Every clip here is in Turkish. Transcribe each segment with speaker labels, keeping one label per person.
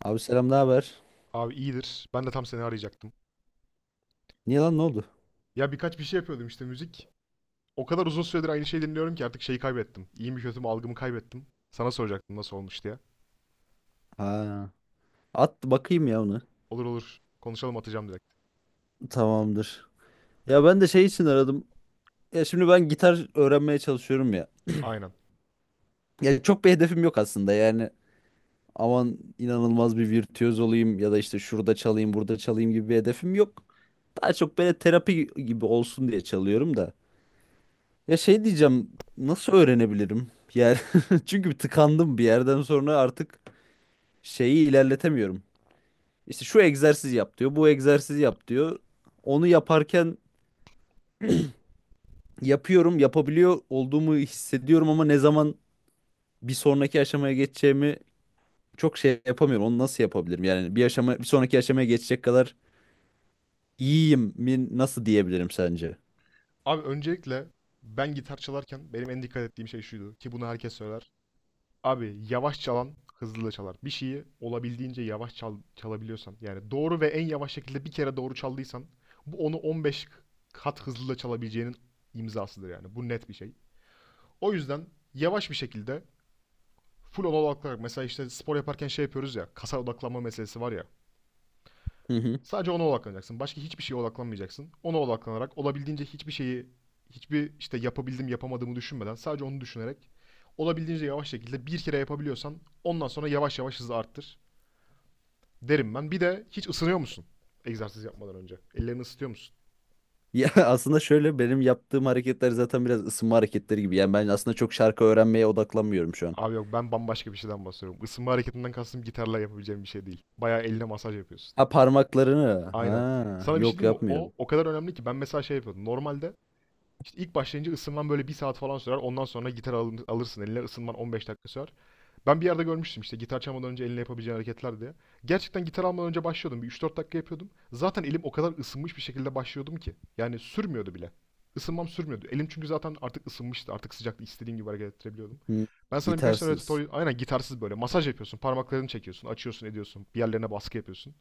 Speaker 1: Abi selam, ne haber?
Speaker 2: Abi iyidir. Ben de tam seni arayacaktım.
Speaker 1: Niye lan ne oldu?
Speaker 2: Ya birkaç bir şey yapıyordum işte müzik. O kadar uzun süredir aynı şeyi dinliyorum ki artık şeyi kaybettim. İyi mi kötü mü algımı kaybettim. Sana soracaktım nasıl olmuş diye.
Speaker 1: Ha. At bakayım ya onu.
Speaker 2: Olur olur. Konuşalım, atacağım direkt.
Speaker 1: Tamamdır. Ya ben de şey için aradım. Ya şimdi ben gitar öğrenmeye çalışıyorum ya.
Speaker 2: Aynen.
Speaker 1: Ya çok bir hedefim yok aslında yani. Aman inanılmaz bir virtüöz olayım ya da işte şurada çalayım, burada çalayım gibi bir hedefim yok. Daha çok böyle terapi gibi olsun diye çalıyorum da. Ya şey diyeceğim, nasıl öğrenebilirim? Yani çünkü tıkandım bir yerden sonra artık şeyi ilerletemiyorum. İşte şu egzersiz yap diyor, bu egzersiz yap diyor. Onu yaparken yapıyorum, yapabiliyor olduğumu hissediyorum ama ne zaman bir sonraki aşamaya geçeceğimi çok şey yapamıyorum. Onu nasıl yapabilirim? Yani bir aşama, bir sonraki aşamaya geçecek kadar iyiyim mi nasıl diyebilirim sence?
Speaker 2: Abi öncelikle ben gitar çalarken benim en dikkat ettiğim şey şuydu ki bunu herkes söyler. Abi yavaş çalan hızlı da çalar. Bir şeyi olabildiğince yavaş çal, çalabiliyorsan yani doğru ve en yavaş şekilde bir kere doğru çaldıysan bu onu 15 kat hızlı da çalabileceğinin imzasıdır yani. Bu net bir şey. O yüzden yavaş bir şekilde full ona odaklanarak, mesela işte spor yaparken şey yapıyoruz ya, kasa odaklanma meselesi var ya.
Speaker 1: Hı hı.
Speaker 2: Sadece ona odaklanacaksın. Başka hiçbir şeye odaklanmayacaksın. Ona odaklanarak, olabildiğince hiçbir şeyi, hiçbir işte yapabildim yapamadığımı düşünmeden, sadece onu düşünerek olabildiğince yavaş şekilde bir kere yapabiliyorsan, ondan sonra yavaş yavaş hızı arttır derim ben. Bir de hiç ısınıyor musun? Egzersiz yapmadan önce. Ellerini ısıtıyor musun?
Speaker 1: Ya aslında şöyle benim yaptığım hareketler zaten biraz ısınma hareketleri gibi. Yani ben aslında çok şarkı öğrenmeye odaklanmıyorum şu an.
Speaker 2: Abi yok, ben bambaşka bir şeyden bahsediyorum. Isınma hareketinden kastım gitarla yapabileceğim bir şey değil. Bayağı eline masaj yapıyorsun.
Speaker 1: Ha, parmaklarını.
Speaker 2: Aynen.
Speaker 1: Ha,
Speaker 2: Sana bir şey
Speaker 1: yok
Speaker 2: diyeyim mi? O
Speaker 1: yapmıyorum.
Speaker 2: o kadar önemli ki ben mesela şey yapıyordum. Normalde işte ilk başlayınca ısınman böyle bir saat falan sürer. Ondan sonra gitar alırsın eline, ısınman 15 dakika sürer. Ben bir yerde görmüştüm işte gitar çalmadan önce eline yapabileceğin hareketler diye. Gerçekten gitar almadan önce başlıyordum. Bir 3-4 dakika yapıyordum. Zaten elim o kadar ısınmış bir şekilde başlıyordum ki yani sürmüyordu bile. Isınmam sürmüyordu. Elim çünkü zaten artık ısınmıştı. Artık sıcaktı. İstediğim gibi hareket ettirebiliyordum.
Speaker 1: Hı.
Speaker 2: Ben sana birkaç tane
Speaker 1: Gitarsız.
Speaker 2: tutorial... Aynen, gitarsız böyle. Masaj yapıyorsun. Parmaklarını çekiyorsun. Açıyorsun ediyorsun. Bir yerlerine baskı yapıyorsun,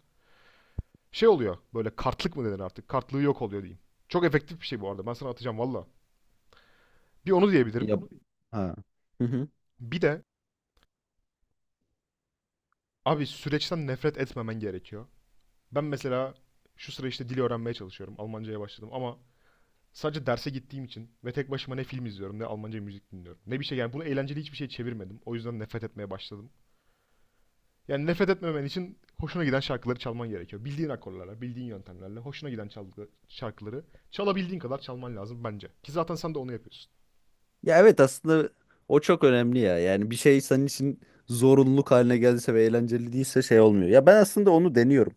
Speaker 2: şey oluyor. Böyle kartlık mı denir artık? Kartlığı yok oluyor diyeyim. Çok efektif bir şey bu arada. Ben sana atacağım valla. Bir onu diyebilirim.
Speaker 1: Yap. Ha. Hı hı.
Speaker 2: Bir de abi süreçten nefret etmemen gerekiyor. Ben mesela şu sıra işte dil öğrenmeye çalışıyorum. Almancaya başladım ama sadece derse gittiğim için ve tek başıma ne film izliyorum ne Almanca müzik dinliyorum. Ne bir şey, yani bunu eğlenceli hiçbir şey çevirmedim. O yüzden nefret etmeye başladım. Yani nefret etmemen için hoşuna giden şarkıları çalman gerekiyor. Bildiğin akorlarla, bildiğin yöntemlerle hoşuna giden şarkıları çalabildiğin kadar çalman lazım bence. Ki zaten sen de onu yapıyorsun.
Speaker 1: Ya evet, aslında o çok önemli ya. Yani bir şey senin için zorunluluk haline geldiyse ve eğlenceli değilse şey olmuyor. Ya ben aslında onu deniyorum.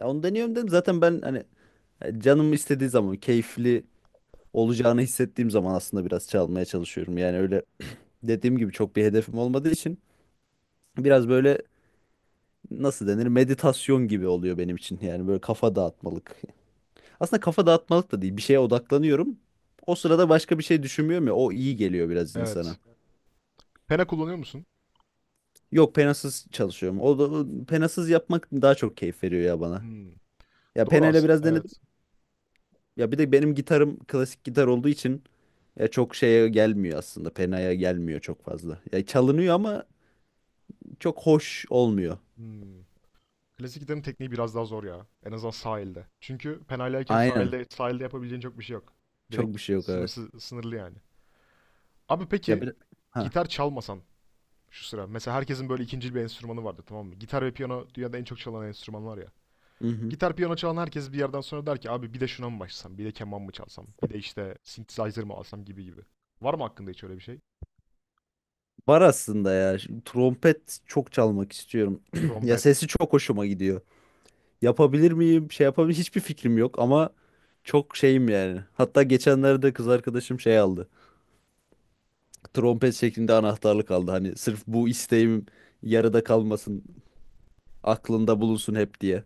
Speaker 1: Ya onu deniyorum dedim zaten, ben hani canım istediği zaman keyifli olacağını hissettiğim zaman aslında biraz çalmaya çalışıyorum. Yani öyle dediğim gibi çok bir hedefim olmadığı için biraz böyle nasıl denir meditasyon gibi oluyor benim için. Yani böyle kafa dağıtmalık. Aslında kafa dağıtmalık da değil, bir şeye odaklanıyorum. O sırada başka bir şey düşünmüyorum ya, o iyi geliyor biraz insana.
Speaker 2: Evet. Pena kullanıyor musun?
Speaker 1: Yok, penasız çalışıyorum. O da penasız yapmak daha çok keyif veriyor ya bana.
Speaker 2: Hmm.
Speaker 1: Ya
Speaker 2: Doğru
Speaker 1: penayla
Speaker 2: aslında.
Speaker 1: biraz denedim.
Speaker 2: Evet.
Speaker 1: Ya bir de benim gitarım klasik gitar olduğu için ya çok şeye gelmiyor aslında. Penaya gelmiyor çok fazla. Ya çalınıyor ama çok hoş olmuyor.
Speaker 2: Hmm. Klasik gitarın tekniği biraz daha zor ya. En azından sahilde. Çünkü penaylayken
Speaker 1: Aynen.
Speaker 2: sahilde yapabileceğin çok bir şey yok.
Speaker 1: Çok
Speaker 2: Direkt
Speaker 1: bir şey yok, evet.
Speaker 2: sınırsız, sınırlı yani. Abi
Speaker 1: Ya
Speaker 2: peki
Speaker 1: bir ha.
Speaker 2: gitar çalmasan şu sıra. Mesela herkesin böyle ikinci bir enstrümanı vardı, tamam mı? Gitar ve piyano dünyada en çok çalan enstrümanlar ya.
Speaker 1: Hı hı.
Speaker 2: Gitar piyano çalan herkes bir yerden sonra der ki abi bir de şuna mı başlasam? Bir de keman mı çalsam? Bir de işte synthesizer mı alsam, gibi gibi. Var mı hakkında hiç öyle bir şey?
Speaker 1: Var aslında ya. Şu trompet çok çalmak istiyorum. Ya
Speaker 2: Trompet.
Speaker 1: sesi çok hoşuma gidiyor. Yapabilir miyim? Şey yapabilir, hiçbir fikrim yok ama çok şeyim yani. Hatta geçenlerde kız arkadaşım şey aldı, trompet şeklinde anahtarlık aldı. Hani sırf bu isteğim yarıda kalmasın, aklında bulunsun hep diye.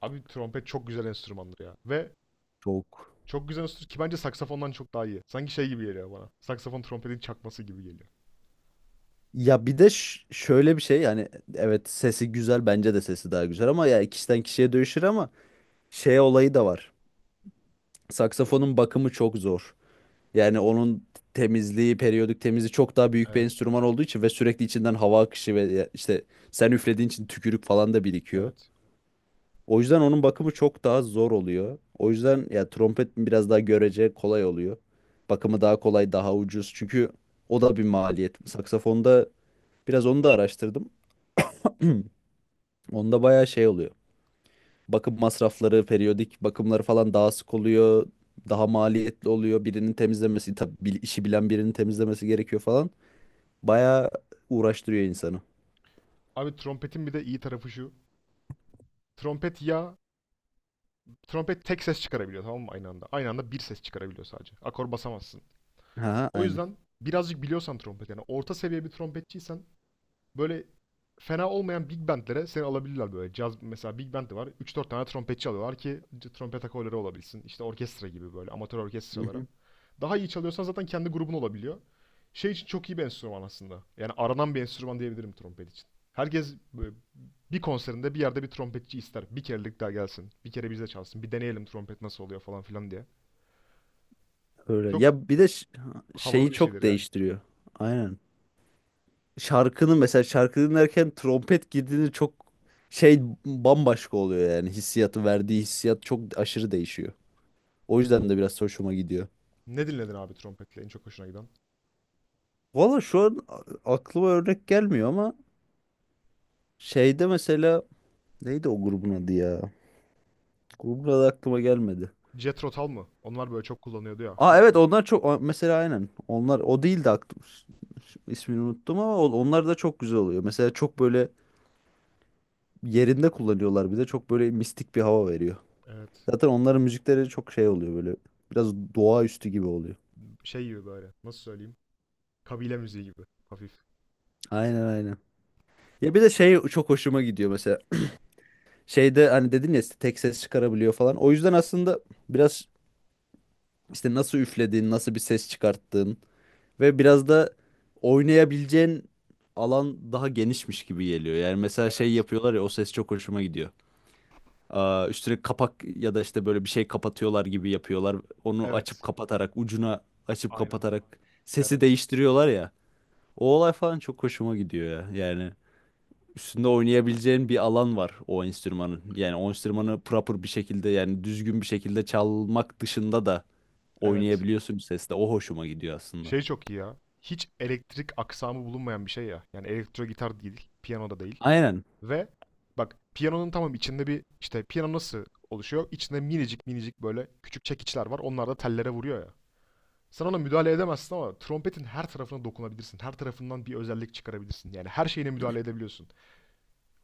Speaker 2: Abi trompet çok güzel enstrümandır ya. Ve
Speaker 1: Çok.
Speaker 2: çok güzel enstrüman ki bence saksafondan çok daha iyi. Sanki şey gibi geliyor bana. Saksafon trompetin çakması gibi geliyor.
Speaker 1: Şöyle bir şey yani, evet sesi güzel, bence de sesi daha güzel ama ya kişiden kişiye değişir ama şey olayı da var. Saksafonun bakımı çok zor. Yani onun temizliği, periyodik temizliği çok daha büyük bir
Speaker 2: Evet,
Speaker 1: enstrüman olduğu için ve sürekli içinden hava akışı ve işte sen üflediğin için tükürük falan da birikiyor.
Speaker 2: evet.
Speaker 1: O yüzden onun bakımı çok daha zor oluyor. O yüzden ya trompet biraz daha görece kolay oluyor. Bakımı daha kolay, daha ucuz. Çünkü o da bir maliyet. Saksafonda biraz onu da araştırdım. Onda bayağı şey oluyor. Bakım masrafları, periyodik bakımları falan daha sık oluyor. Daha maliyetli oluyor. Birinin temizlemesi, tabii işi bilen birinin temizlemesi gerekiyor falan. Bayağı uğraştırıyor insanı.
Speaker 2: Abi trompetin bir de iyi tarafı şu. Trompet ya, trompet tek ses çıkarabiliyor, tamam mı, aynı anda? Aynı anda bir ses çıkarabiliyor sadece. Akor basamazsın.
Speaker 1: Ha,
Speaker 2: O
Speaker 1: aynen.
Speaker 2: yüzden birazcık biliyorsan trompet, yani orta seviye bir trompetçiysen böyle fena olmayan big bandlere seni alabilirler böyle. Caz mesela, big band de var. Üç dört tane trompetçi alıyorlar ki trompet akorları olabilsin. İşte orkestra gibi, böyle amatör
Speaker 1: Hı
Speaker 2: orkestralara.
Speaker 1: hı.
Speaker 2: Daha iyi çalıyorsan zaten kendi grubun olabiliyor. Şey için çok iyi bir enstrüman aslında. Yani aranan bir enstrüman diyebilirim trompet için. Herkes böyle bir konserinde bir yerde bir trompetçi ister. Bir kerelik daha gelsin. Bir kere bize çalsın. Bir deneyelim trompet nasıl oluyor falan filan diye.
Speaker 1: Öyle.
Speaker 2: Çok havalı
Speaker 1: Şeyi
Speaker 2: bir şeydir
Speaker 1: çok
Speaker 2: yani.
Speaker 1: değiştiriyor. Aynen. Şarkının, mesela şarkı dinlerken trompet girdiğinde çok şey bambaşka oluyor yani hissiyatı, verdiği hissiyat çok aşırı değişiyor. O yüzden de biraz hoşuma gidiyor.
Speaker 2: Ne dinledin abi trompetle en çok hoşuna giden?
Speaker 1: Valla şu an aklıma örnek gelmiyor ama şeyde mesela neydi o grubun adı ya? Grubun adı aklıma gelmedi.
Speaker 2: Jethro Tull mı? Onlar böyle çok kullanıyordu ya,
Speaker 1: Aa
Speaker 2: flütü.
Speaker 1: evet, onlar çok mesela aynen, onlar o değil de aklım ismini unuttum ama onlar da çok güzel oluyor. Mesela çok böyle yerinde kullanıyorlar, bir de çok böyle mistik bir hava veriyor.
Speaker 2: Evet.
Speaker 1: Zaten onların müzikleri çok şey oluyor böyle. Biraz doğaüstü gibi oluyor.
Speaker 2: Şey gibi böyle. Nasıl söyleyeyim? Kabile müziği gibi. Hafif.
Speaker 1: Aynen aynen. Ya bir de şey çok hoşuma gidiyor mesela. Şeyde hani dedin ya işte tek ses çıkarabiliyor falan. O yüzden aslında biraz işte nasıl üflediğin, nasıl bir ses çıkarttığın ve biraz da oynayabileceğin alan daha genişmiş gibi geliyor. Yani mesela şey
Speaker 2: Evet.
Speaker 1: yapıyorlar ya, o ses çok hoşuma gidiyor. Aa, üstüne kapak ya da işte böyle bir şey kapatıyorlar gibi yapıyorlar. Onu açıp
Speaker 2: Evet.
Speaker 1: kapatarak ucuna, açıp
Speaker 2: Aynen.
Speaker 1: kapatarak sesi
Speaker 2: Evet.
Speaker 1: değiştiriyorlar ya. O olay falan çok hoşuma gidiyor ya. Yani üstünde oynayabileceğin bir alan var o enstrümanın. Yani o enstrümanı proper bir şekilde, yani düzgün bir şekilde çalmak dışında da
Speaker 2: Evet.
Speaker 1: oynayabiliyorsun sesle. O hoşuma gidiyor aslında.
Speaker 2: Şey çok iyi ya. Hiç elektrik aksamı bulunmayan bir şey ya. Yani elektro gitar değil. Piyano da değil.
Speaker 1: Aynen.
Speaker 2: Ve bak piyanonun, tamam, içinde bir işte piyano nasıl oluşuyor? İçinde minicik minicik böyle küçük çekiçler var. Onlar da tellere vuruyor ya. Sen ona müdahale edemezsin ama trompetin her tarafına dokunabilirsin. Her tarafından bir özellik çıkarabilirsin. Yani her şeyine müdahale edebiliyorsun.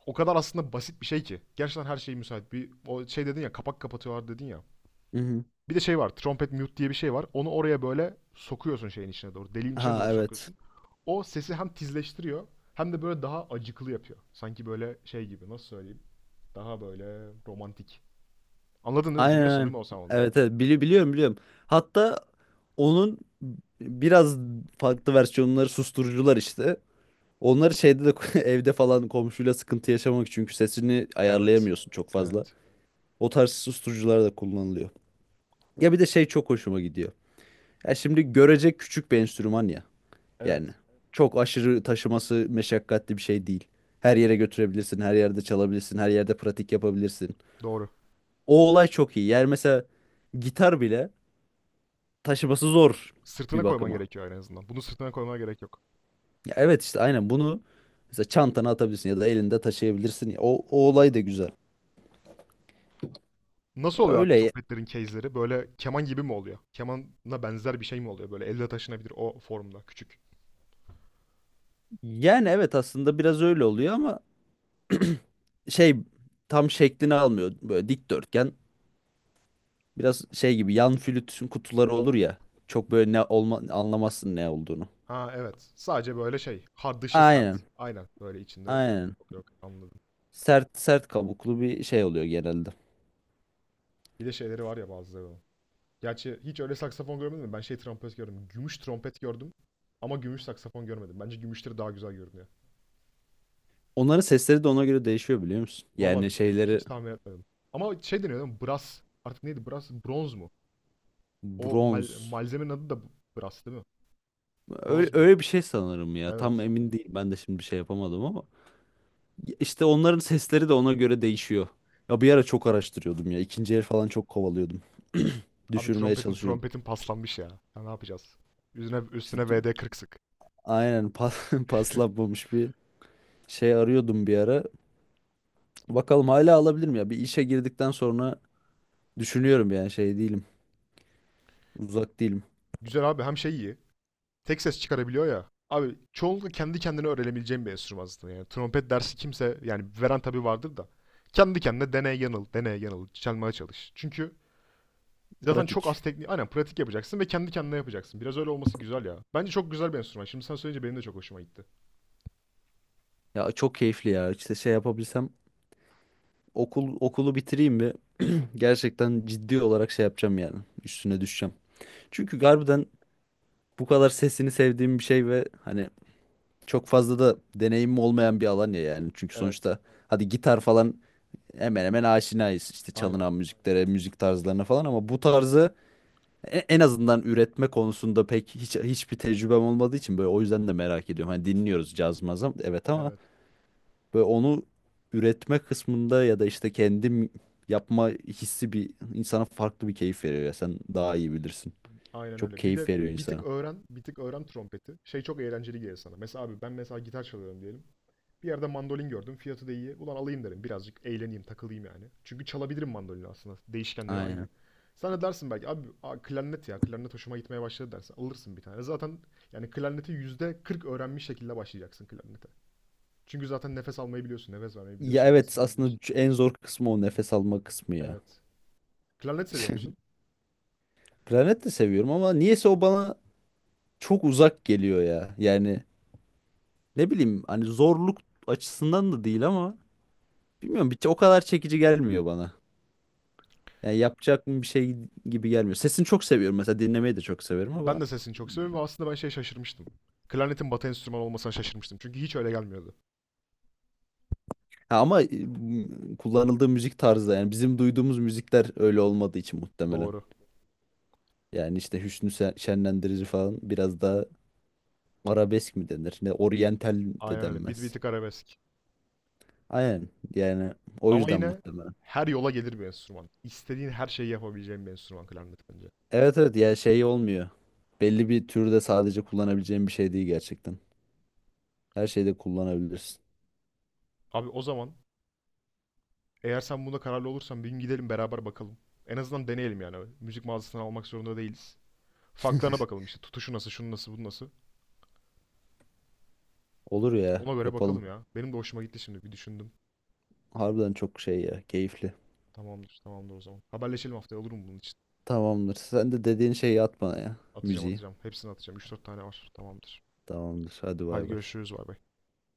Speaker 2: O kadar aslında basit bir şey ki. Gerçekten her şey müsait. Bir o şey dedin ya, kapak kapatıyorlar dedin ya.
Speaker 1: Hı hı.
Speaker 2: Bir de şey var. Trompet mute diye bir şey var. Onu oraya böyle sokuyorsun, şeyin içine doğru. Deliğin içine
Speaker 1: Ha
Speaker 2: doğru
Speaker 1: evet.
Speaker 2: sokuyorsun. O sesi hem tizleştiriyor hem de böyle daha acıklı yapıyor. Sanki böyle şey gibi, nasıl söyleyeyim? Daha böyle romantik. Anladın değil mi?
Speaker 1: Aynen
Speaker 2: Biliyorsun değil
Speaker 1: aynen.
Speaker 2: mi o sound'u?
Speaker 1: Evet evet, biliyorum biliyorum. Hatta onun biraz farklı versiyonları susturucular işte. Onları şeyde de evde falan, komşuyla sıkıntı yaşamak çünkü sesini
Speaker 2: Evet.
Speaker 1: ayarlayamıyorsun çok fazla.
Speaker 2: Evet.
Speaker 1: O tarz susturucular da kullanılıyor. Ya bir de şey çok hoşuma gidiyor. Ya şimdi görecek küçük bir enstrüman ya. Yani
Speaker 2: Evet.
Speaker 1: çok aşırı taşıması meşakkatli bir şey değil. Her yere götürebilirsin, her yerde çalabilirsin, her yerde pratik yapabilirsin.
Speaker 2: Doğru.
Speaker 1: O olay çok iyi. Yani mesela gitar bile taşıması zor bir
Speaker 2: Sırtına koyman
Speaker 1: bakıma.
Speaker 2: gerekiyor en azından. Bunu sırtına koymana gerek yok.
Speaker 1: Ya evet işte, aynen bunu mesela çantana atabilirsin ya da elinde taşıyabilirsin ya. O olay
Speaker 2: Doğru.
Speaker 1: da güzel.
Speaker 2: Nasıl
Speaker 1: Ya
Speaker 2: oluyor abi
Speaker 1: Öyle ya-
Speaker 2: trompetlerin case'leri? Böyle keman gibi mi oluyor? Kemana benzer bir şey mi oluyor? Böyle elle taşınabilir o formda küçük.
Speaker 1: Yani evet, aslında biraz öyle oluyor ama şey tam şeklini almıyor. Böyle dikdörtgen. Biraz şey gibi, yan flütün kutuları olur ya. Çok böyle ne olma, anlamazsın ne olduğunu.
Speaker 2: Ha evet. Sadece böyle şey. Hard dışı,
Speaker 1: Aynen.
Speaker 2: sert. Aynen. Böyle içinde.
Speaker 1: Aynen.
Speaker 2: Yok yok anladım.
Speaker 1: Sert, sert kabuklu bir şey oluyor genelde.
Speaker 2: Bir de şeyleri var ya bazıları. Gerçi hiç öyle saksafon görmedim mi? Ben şey trompet gördüm. Gümüş trompet gördüm. Ama gümüş saksafon görmedim. Bence gümüşleri daha güzel görünüyor.
Speaker 1: Onların sesleri de ona göre değişiyor, biliyor musun?
Speaker 2: Valla
Speaker 1: Yani şeyleri,
Speaker 2: hiç tahmin etmedim. Ama şey deniyor değil mi? Brass. Artık neydi? Brass. Bronz mu? O
Speaker 1: bronz.
Speaker 2: malzemenin adı da brass değil mi?
Speaker 1: Öyle,
Speaker 2: Bronz mu?
Speaker 1: öyle bir şey sanırım ya. Tam
Speaker 2: Evet.
Speaker 1: emin değil. Ben de şimdi bir şey yapamadım ama. İşte onların sesleri de ona göre değişiyor. Ya bir ara çok araştırıyordum ya. İkinci el falan çok kovalıyordum.
Speaker 2: Abi
Speaker 1: Düşürmeye
Speaker 2: trompetin
Speaker 1: çalışıyordum.
Speaker 2: trompetin paslanmış ya. Ya ne yapacağız? Üstüne,
Speaker 1: İşte
Speaker 2: üstüne
Speaker 1: tu-
Speaker 2: VD40 sık.
Speaker 1: aynen, paslanmamış bir şey arıyordum bir ara. Bakalım hala alabilirim ya. Bir işe girdikten sonra düşünüyorum yani şey değilim. Uzak değilim.
Speaker 2: Güzel abi, hem şey iyi. Tek ses çıkarabiliyor ya. Abi çoğunlukla kendi kendine öğrenebileceğim bir enstrüman aslında. Yani trompet dersi kimse, yani veren tabii vardır da. Kendi kendine deney yanıl, deney yanıl, çalmaya çalış. Çünkü zaten çok az
Speaker 1: Pratik.
Speaker 2: teknik, aynen, pratik yapacaksın ve kendi kendine yapacaksın. Biraz öyle olması güzel ya. Bence çok güzel bir enstrüman. Şimdi sen söyleyince benim de çok hoşuma gitti.
Speaker 1: Ya çok keyifli ya. İşte şey yapabilsem okulu bitireyim ve gerçekten ciddi olarak şey yapacağım yani. Üstüne düşeceğim. Çünkü harbiden bu kadar sesini sevdiğim bir şey ve hani çok fazla da deneyimim olmayan bir alan ya yani. Çünkü
Speaker 2: Evet,
Speaker 1: sonuçta hadi gitar falan hemen hemen aşinayız. İşte
Speaker 2: aynen.
Speaker 1: çalınan müziklere, müzik tarzlarına falan ama bu tarzı, en azından üretme konusunda pek hiçbir tecrübem olmadığı için böyle, o yüzden de merak ediyorum. Hani dinliyoruz caz mazam evet ama
Speaker 2: Evet,
Speaker 1: böyle onu üretme kısmında ya da işte kendim yapma hissi bir insana farklı bir keyif veriyor ya, sen daha iyi bilirsin.
Speaker 2: aynen
Speaker 1: Çok
Speaker 2: öyle. Bir
Speaker 1: keyif
Speaker 2: de
Speaker 1: veriyor
Speaker 2: bir tık
Speaker 1: insana.
Speaker 2: öğren, bir tık öğren trompeti. Şey çok eğlenceli gelir sana. Mesela abi ben mesela gitar çalıyorum diyelim. Bir yerde mandolin gördüm, fiyatı da iyi. Ulan alayım derim, birazcık eğleneyim, takılayım yani. Çünkü çalabilirim mandolini aslında. Değişkenleri aynı.
Speaker 1: Aynen.
Speaker 2: Sen de dersin belki abi, a, klarnet ya, klarnet hoşuma gitmeye başladı dersin. Alırsın bir tane. Zaten yani klarneti %40 öğrenmiş şekilde başlayacaksın klarnete. Çünkü zaten nefes almayı biliyorsun, nefes vermeyi
Speaker 1: Ya
Speaker 2: biliyorsun,
Speaker 1: evet
Speaker 2: basmayı
Speaker 1: aslında
Speaker 2: biliyorsun.
Speaker 1: en zor kısmı o nefes alma kısmı ya.
Speaker 2: Evet. Klarnet seviyor musun?
Speaker 1: Planet de seviyorum ama niyeyse o bana çok uzak geliyor ya. Yani ne bileyim, hani zorluk açısından da değil ama bilmiyorum, bir o kadar çekici gelmiyor bana. Yani yapacak mı bir şey gibi gelmiyor. Sesini çok seviyorum, mesela dinlemeyi de çok severim
Speaker 2: Ben
Speaker 1: ama
Speaker 2: de sesini çok seviyorum ve aslında ben şey şaşırmıştım. Klarnetin batı enstrümanı olmasına şaşırmıştım. Çünkü hiç öyle gelmiyordu.
Speaker 1: ha, ama kullanıldığı müzik tarzı yani bizim duyduğumuz müzikler öyle olmadığı için muhtemelen.
Speaker 2: Doğru.
Speaker 1: Yani işte Hüsnü Şenlendirici falan, biraz daha arabesk mi denir? Ne oryantal de
Speaker 2: Aynen öyle. Bir
Speaker 1: denmez.
Speaker 2: tık arabesk.
Speaker 1: Aynen yani, o
Speaker 2: Ama
Speaker 1: yüzden
Speaker 2: yine
Speaker 1: muhtemelen.
Speaker 2: her yola gelir bir enstrüman. İstediğin her şeyi yapabileceğin bir enstrüman klarnet bence.
Speaker 1: Evet evet, ya şey olmuyor. Belli bir türde sadece kullanabileceğim bir şey değil gerçekten. Her şeyde kullanabilirsin.
Speaker 2: Abi o zaman eğer sen bunda kararlı olursan bir gün gidelim beraber bakalım. En azından deneyelim yani. Müzik mağazasından almak zorunda değiliz. Farklarına bakalım işte. Tutuşu nasıl, şunu nasıl, bu nasıl.
Speaker 1: Olur ya,
Speaker 2: Ona göre
Speaker 1: yapalım.
Speaker 2: bakalım ya. Benim de hoşuma gitti şimdi. Bir düşündüm.
Speaker 1: Harbiden çok şey ya. Keyifli.
Speaker 2: Tamamdır, tamamdır o zaman. Haberleşelim haftaya, olur mu bunun için?
Speaker 1: Tamamdır. Sen de dediğin şeyi at bana ya.
Speaker 2: Atacağım,
Speaker 1: Müziği.
Speaker 2: atacağım. Hepsini atacağım. Üç dört tane var. Tamamdır.
Speaker 1: Tamamdır. Hadi
Speaker 2: Haydi
Speaker 1: bay bay.
Speaker 2: görüşürüz. Bay bay.